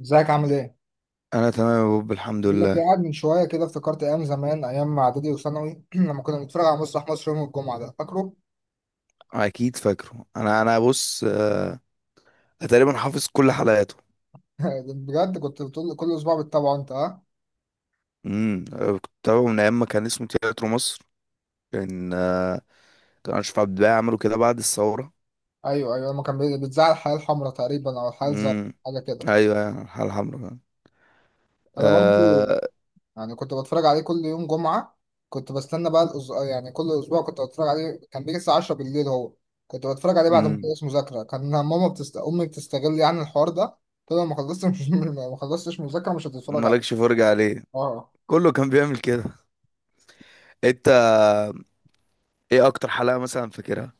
ازيك عامل ايه؟ انا تمام يا بوب الحمد بقول لك ايه، لله. قاعد من شويه كده افتكرت ايام زمان، ايام اعدادي وثانوي. لما كنا بنتفرج على مسرح مصر يوم الجمعه ده، فاكره؟ اكيد فاكره. انا بص، أنا تقريبا حافظ كل حلقاته. بجد، كنت بتقول كل اسبوع بتتابعه انت، ها؟ أنا كنت بتابعه من ايام ما كان اسمه تياترو مصر. كان آه، كان اشرف عبد الباقي عمله كده بعد الثوره. ايوه، ايوه، لما كان بيتذاع الحياه الحمراء تقريبا او الحياه الزرقاء، امم حاجه كده. ايوه، أيوة، الحلقه الحمراء فعلا. انا برضو آه. يعني كنت بتفرج عليه كل يوم جمعه. كنت بستنى بقى يعني كل اسبوع كنت بتفرج عليه، كان بيجي الساعه 10 بالليل هو. كنت بتفرج عليه بعد ما امم. اخلص مذاكره. كان امي بتستغل يعني الحوار ده، تقول لو ما خلصتش ما خلصتش مذاكره مش هتتفرج عليه. مالكش فرجه عليه. اه. كله كان بيعمل كده. انت، ايه اكتر حلقه مثلا فاكرها؟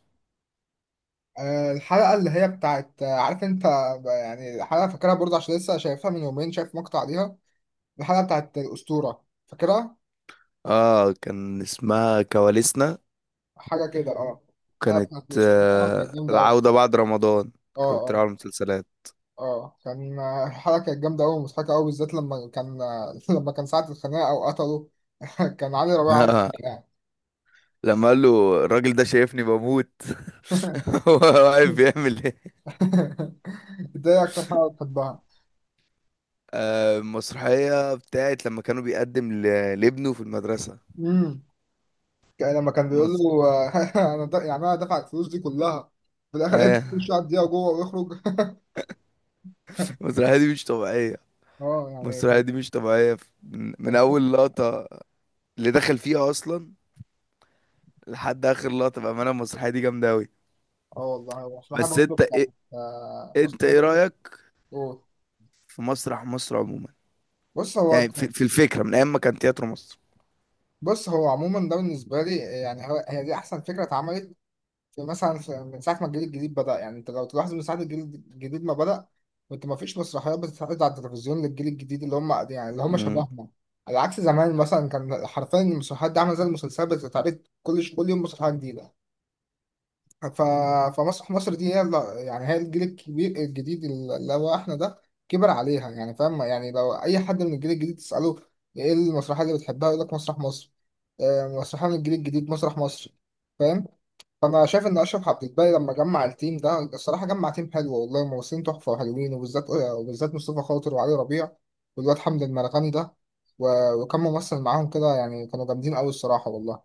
الحلقة اللي هي بتاعت، عارف انت، يعني الحلقة فاكرها برضه عشان لسه شايفها من يومين، شايف مقطع ليها. الحلقة بتاعت الأسطورة، فاكرها؟ اه كان اسمها كواليسنا. حاجة كده، اه. الحلقة كانت. بتاعت الأسطورة اه كانت آه جامدة أوي. العوده بعد رمضان. اه، كانت اه، بتتابع المسلسلات. اه، كان الحلقة كانت جامدة أوي ومضحكة أوي، بالذات لما كان، لما كان ساعة الخناقة أو قتله. كان علي ربيع عمل كده يعني. لما قال له الراجل ده شايفني بموت. هو واقف بيعمل ايه؟ ده إيه أكتر حلقة بتحبها؟ المسرحية بتاعت لما كانوا بيقدم لابنه في المدرسة. مم. لما كان بيقول مصر. له، يعني انا دافع الفلوس دي كلها. في الاخر قعد آه، يمشي على الدقيقه جوه ويخرج. المسرحية دي مش طبيعية. اه، يعني المسرحية كان دي مش طبيعية من كان أول لقطة اللي دخل فيها أصلا لحد آخر لقطة. بأمانة المسرحية دي جامدة أوي. اه والله هو بس أنت إيه آه، أنت مصلحه إيه برضه بتاعت- رأيك في مسرح مصر عموما؟ بص هو يعني في الفكرة من أيام ما كان تياترو مصر. بص هو عموما، ده بالنسبه لي يعني هي دي احسن فكره اتعملت. في مثلا من ساعة ما الجيل الجديد بدأ، يعني انت لو تلاحظ من ساعة الجيل الجديد ما بدأ، كنت ما فيش مسرحيات بتتعرض على التلفزيون للجيل الجديد اللي هم يعني اللي هم مم. شبهنا. على عكس زمان مثلا كان حرفيا المسرحيات دي عاملة زي المسلسلات بتتعرض كل كل يوم مسرحية جديدة. ف... فمسرح مصر دي هي يعني هي الجيل الكبير الجديد اللي هو احنا ده كبر عليها، يعني فاهم؟ يعني لو أي حد من الجيل الجديد تسأله ايه المسرحية اللي بتحبها يقول لك مسرح مصر. مسرحية من الجيل الجديد، مسرح مصر. فاهم؟ انا شايف ان اشرف عبد الباقي لما جمع التيم ده، الصراحه جمع تيم حلو والله، ممثلين تحفه وحلوين، وبالذات وبالذات مصطفى خاطر وعلي ربيع والواد حمد المرغني ده، وكم ممثل معاهم كده، يعني كانوا جامدين قوي الصراحه والله.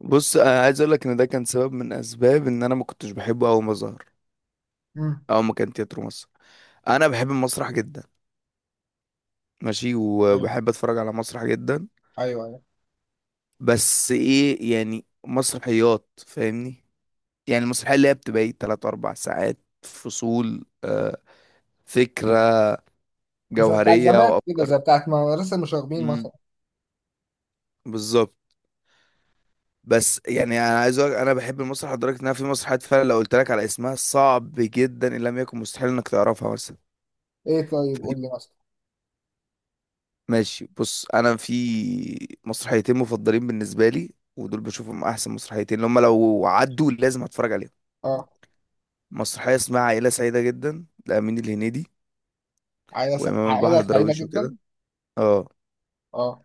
بص أنا عايز أقول لك إن ده كان سبب من أسباب إن أنا ما كنتش بحبه أول ما ظهر. امم اه ما كان تياترو مصر. انا بحب المسرح جدا، ماشي، ايوه، وبحب اتفرج على مسرح جدا. ايوه، ايوه. بس ايه يعني؟ مسرحيات، فاهمني، يعني المسرحيه اللي هي بتبقى ايه، 3 4 ساعات، فصول، فكره زي بتاع جوهريه زمان كده، وافكار. زي بتاعت مدرسه المشاغبين مثلا. امم بالظبط. بس يعني انا عايز اقول انا بحب المسرح لدرجه انها في مسرحيات فعلا لو قلت لك على اسمها صعب جدا ان لم يكن مستحيل انك تعرفها. مثلا، ايه طيب قول لي مثلا. ماشي، بص، انا في مسرحيتين مفضلين بالنسبه لي، ودول بشوفهم احسن مسرحيتين، اللي هم لو عدوا لازم اتفرج عليهم. اه، مسرحيه اسمها عائله سعيده جدا لامين الهنيدي، وامام البحر عائله سعيده دراويش وكده. جدا. اه. اه،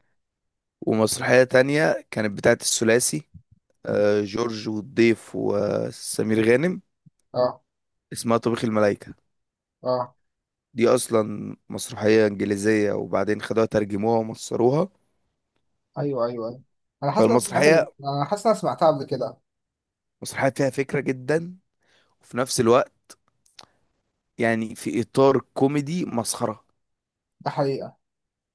ومسرحيه تانية كانت بتاعت الثلاثي، جورج والضيف وسمير غانم. اه، اسمها طبيخ الملايكه. اه. دي اصلا مسرحيه انجليزيه وبعدين خدوها ترجموها ومصروها. ايوه، ايوه، ايوه. فالمسرحيه، انا حاسس إن انا سمعتها قبل كده. مسرحيه فيها فكره جدا، وفي نفس الوقت يعني في اطار كوميدي مسخره. ده حقيقه.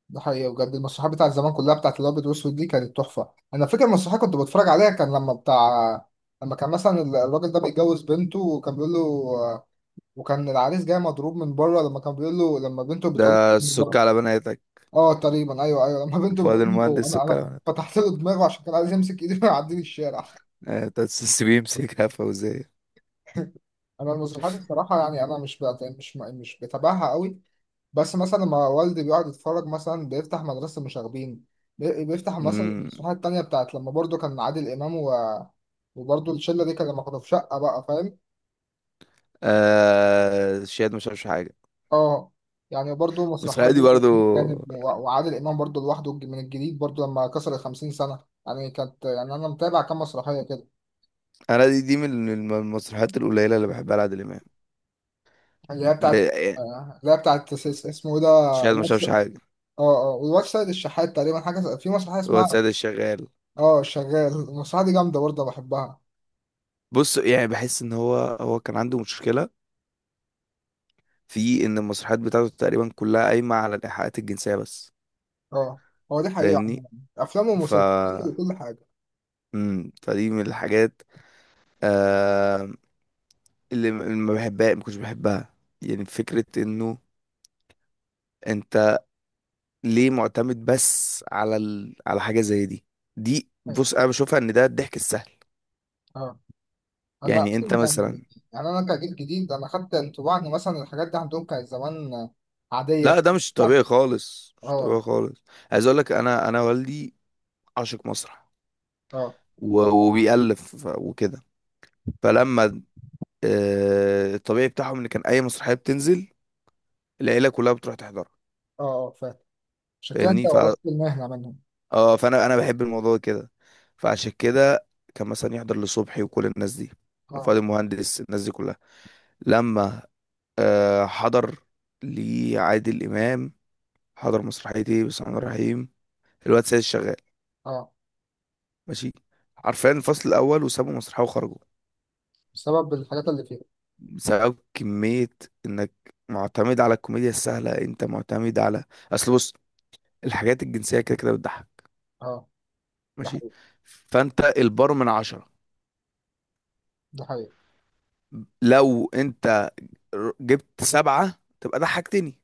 ده حقيقي بجد. المسرحيات بتاعت زمان كلها بتاعت الابيض والاسود دي كانت تحفه. انا فاكر مسرحيه كنت بتفرج عليها، كان لما بتاع، لما كان مثلا الراجل ده بيتجوز بنته وكان بيقول له، وكان العريس جاي مضروب من بره لما كان بيقول له لما بنته بتقول. ده السك على بناتك. اه، تقريبا، ايوه ايوه، لما بنته فؤاد بتقول له، المهندس، انا سك انا على بناتك. فتحت له دماغه عشان كان عايز يمسك ايدي ويعديني الشارع. تسس بيمسكها فوزيه. انا المسرحيات الصراحه يعني انا مش بتابعها قوي. بس مثلا لما والدي بيقعد يتفرج مثلا بيفتح مدرسة المشاغبين، بيفتح مثلا امم. المسرحية التانية بتاعت لما برضو كان عادل إمام وبرضو الشلة دي كان لما كانوا في شقة بقى، فاهم؟ آه، شاهد مش عارفش حاجه. اه، يعني برضو مسرحيات المسرحيه دي برضو برضو. كانت وعادل إمام برضو لوحده، من الجديد برضو لما كسر 50 سنة، يعني كانت، يعني أنا متابع كام مسرحية كده. انا دي من المسرحيات القليله اللي بحبها لعادل امام. اللي هي بتاعت، لا، يعني اللي هي بتاعت اسمه إيه ده، اه. شاهد مش عارفش حاجه. اه، والواد سيد الشحات تقريبا حاجة في مسرحية هو اسمها، سيد الشغال. اه الشغال، المسرحية دي جامدة برضه بحبها. بص، يعني بحس ان هو كان عنده مشكله في ان المسرحيات بتاعته تقريبا كلها قايمه على الايحاءات الجنسيه بس. اه، هو دي حقيقة فاهمني عموما. أفلام ف ومسلسلات وكل حاجة. فدي من الحاجات، آه اللي اللي ما بحبها، ما كنتش بحبها. يعني فكرة انه انت ليه معتمد بس على على حاجة زي دي؟ دي أيوة. بص انا بشوفها ان ده الضحك السهل. اه. أنا يعني انت أصلا يعني، مثلا. يعني أنا كجيل جديد أنا خدت انطباع إن مثلا الحاجات دي عندهم كانت زمان عادية لا، كده. ده مش اه، طبيعي خالص، مش طبيعي اه، خالص. عايز اقول لك، انا والدي عاشق مسرح، اه، و... وبيألف وكده. فلما الطبيعي بتاعهم ان كان اي مسرحية بتنزل العيلة كلها بتروح تحضرها. اه، فاهم. عشان كده أنت فاهمني. ورثت المهنة منهم. اه، فانا بحب الموضوع كده. فعشان كده كان مثلا يحضر لصبحي وكل الناس دي، اه، فؤاد المهندس، الناس دي كلها. لما حضر لعادل امام، حضر مسرحيه ايه؟ بسم الله الرحمن الرحيم، الواد سيد الشغال. اه، ماشي، حرفيا الفصل الاول وسابوا مسرحيه وخرجوا. بسبب الحاجات اللي فيها. بسبب كميه انك معتمد على الكوميديا السهله. انت معتمد على، اصل بص، الحاجات الجنسيه كده كده بتضحك، اه، ده ماشي. حقيقي. فانت البار من عشرة، ده حقيقي، لو انت جبت سبعة تبقى ضحكتني،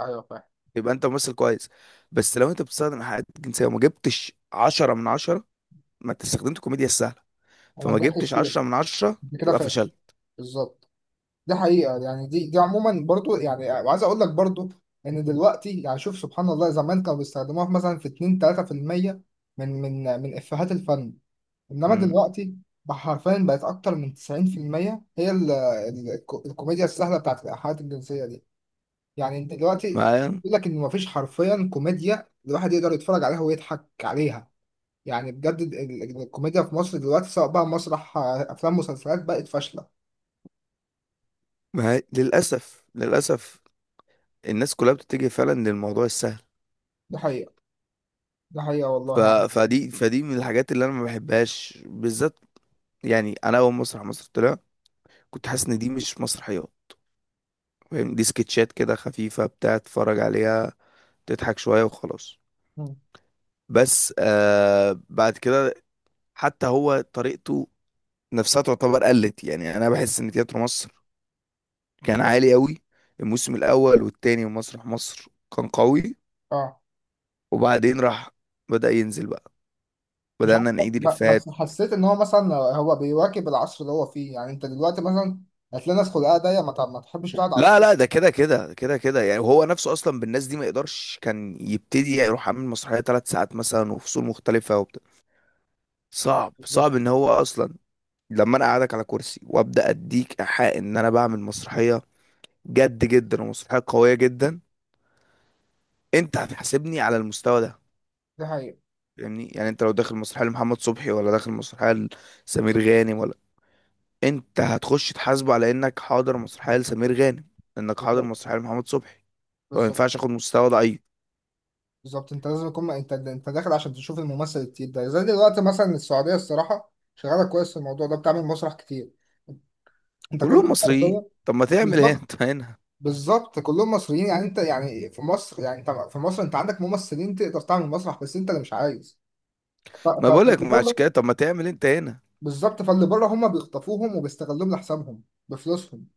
أيوه فاهم. يبقى انت ممثل كويس. بس لو انت بتستخدم إيحاءات جنسية وما جبتش عشرة من عشرة، ما انت استخدمت كوميديا السهلة. وما فما نجحش جبتش فيها. عشرة من عشرة، أنت كده تبقى فاشل. فشلت. بالظبط. ده حقيقة يعني، دي عموما برضو يعني، وعايز اقول لك برضو ان دلوقتي يعني، شوف سبحان الله، زمان كانوا بيستخدموها في مثلا في 2 3% من افيهات الفن. انما مم. دلوقتي بقى حرفيا بقت اكتر من 90%، هي الكوميديا السهلة بتاعت الإيحاءات الجنسية دي. يعني انت دلوقتي معايا. بيقول لك ان مفيش حرفيا كوميديا الواحد يقدر يتفرج عليها ويضحك عليها. يعني بجد الكوميديا في مصر دلوقتي سواء بقى مسرح افلام مسلسلات بقت فاشلة. معايا للأسف، للأسف. الناس كلها بتتجه فعلا للموضوع السهل. ده حقيقة. ده حقيقة ف... والله. فدي، فدي من الحاجات اللي انا ما بحبهاش بالذات. يعني انا اول مسرح مصر طلع، كنت حاسس ان دي مش مسرحيات. فاهم؟ دي سكتشات كده خفيفة بتاع، تتفرج عليها تضحك شوية وخلاص. يعني بس بعد كده حتى هو طريقته نفسها تعتبر قلت. يعني انا بحس ان تياترو مصر كان عالي قوي، الموسم الاول والتاني، ومسرح مصر كان قوي، اه وبعدين راح بدأ ينزل بقى، مش عارف. بدأنا نعيد الإفيهات. بس حسيت ان هو مثلا هو بيواكب العصر اللي هو فيه. يعني انت دلوقتي مثلا هتلاقي ناس خلقها ضيق ما تحبش تقعد على لا الحاجة. لا، ده كده كده كده كده، يعني هو نفسه اصلا بالناس دي ما يقدرش كان يبتدي يروح عامل مسرحية ثلاث ساعات مثلا وفصول مختلفة وبتاع. صعب، صعب بالظبط. ان هو اصلا لما انا قاعدك على كرسي وابدا اديك ايحاء ان انا بعمل مسرحيه جد جدا ومسرحية قوية جدا، انت هتحاسبني على المستوى ده. دي حقيقة. فاهمني؟ يعني انت لو داخل مسرحية لمحمد صبحي، ولا داخل مسرحية لسمير غانم، ولا، انت هتخش تحاسبه على انك حاضر مسرحية لسمير غانم، انك حاضر بالظبط. مسرحية لمحمد صبحي. فما بالظبط. ينفعش اخد مستوى ضعيف. بالظبط انت لازم يكون انت داخل عشان تشوف الممثل التقيل ده، زي دلوقتي مثلا السعودية الصراحة شغالة كويس في الموضوع ده، بتعمل مسرح كتير. انت كل كلهم يوم مصريين، حرفياً. طب ما تعمل ايه بالظبط. انت هنا؟ بالظبط كلهم مصريين، يعني انت، يعني في مصر، يعني انت في مصر انت عندك ممثلين تقدر تعمل مسرح، بس انت اللي مش عايز. ما بقولك مع كده، طب ما تعمل انت هنا؟ بالظبط. فاللي بره هم بيخطفوهم وبيستغلوهم لحسابهم بفلوسهم،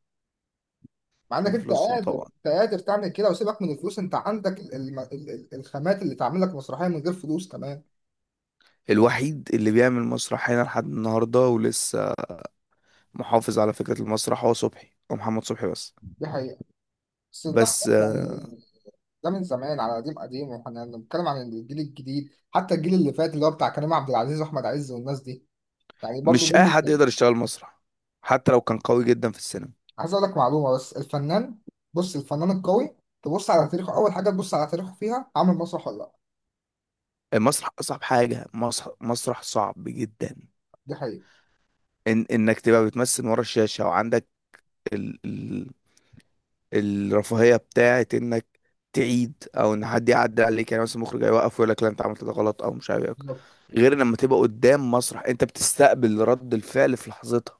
مع انك بفلوسهم طبعا. انت قادر تعمل كده، وسيبك من الفلوس، انت عندك الخامات اللي تعمل لك مسرحيه من غير فلوس كمان. الوحيد اللي بيعمل مسرح هنا لحد النهارده ولسه محافظ على فكرة المسرح هو صبحي، هو محمد صبحي بس. دي حقيقه. بس ده بس خلاص يعني، ده من زمان على قديم قديم، واحنا بنتكلم عن الجيل الجديد، حتى الجيل اللي فات اللي هو بتاع كريم عبد العزيز واحمد عز والناس دي، يعني برضو مش اي جيل. حد يقدر يشتغل مسرح حتى لو كان قوي جدا في السينما. عايز اقول لك معلومه بس، الفنان، بص الفنان القوي تبص على تاريخه، اول حاجه تبص على تاريخه فيها عامل مسرح ولا لا. المسرح اصعب حاجه، مسرح، مسرح صعب جدا. دي حقيقه. إن انك تبقى بتمثل ورا الشاشه وعندك ال... ال... الرفاهيه بتاعت انك تعيد، او ان حد يعدي عليك، يعني مثلا مخرج هيوقف ويقول لك لا، انت عملت ده غلط او مش عارف إيه. بالظبط. غير لما تبقى قدام مسرح، انت بتستقبل رد الفعل في لحظتها.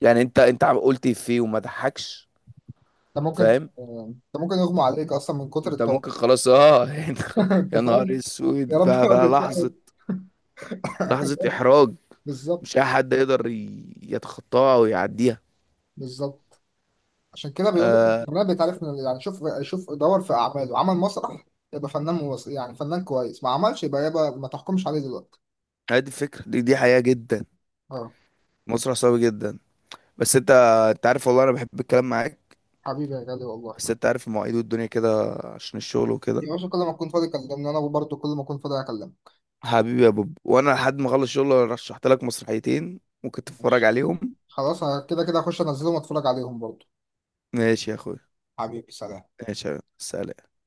يعني انت عم قلت إيه فيه وما ضحكش؟ ده ممكن، فاهم؟ يغمى عليك اصلا من كتر انت الطاقه. ممكن خلاص، اه، انت خلاص، انت يا نهار فاهم. يا اسود رب بقى. ما كنتش لحظه، عارف. لحظة إحراج. بالظبط. مش أي حد يقدر يتخطاها أو يعديها. بالظبط عشان كده بيقول لك الفنان بيتعرف من، يعني شوف شوف دور في اعماله عمل مسرح يبقى فنان، يعني فنان كويس. ما عملش يبقى ما تحكمش عليه دلوقتي. هذه الفكرة، دي حقيقة جدا. اه. الموضوع صعب جدا. بس أنت عارف والله أنا بحب الكلام معاك، حبيبي يا غالي والله. بس أنت عارف المواعيد والدنيا كده، عشان الشغل وكده. يا باشا كل ما اكون فاضي كلمني، انا برضه كل ما اكون فاضي اكلمك. حبيبي يا بوب، وأنا لحد ما أخلص شغل رشحت لك مسرحيتين ممكن تتفرج ماشي. عليهم. خلاص أنا كده كده هخش انزلهم واتفرج عليهم برضه. ماشي يا أخويا. حبيبي، سلام. ماشي يا سلام.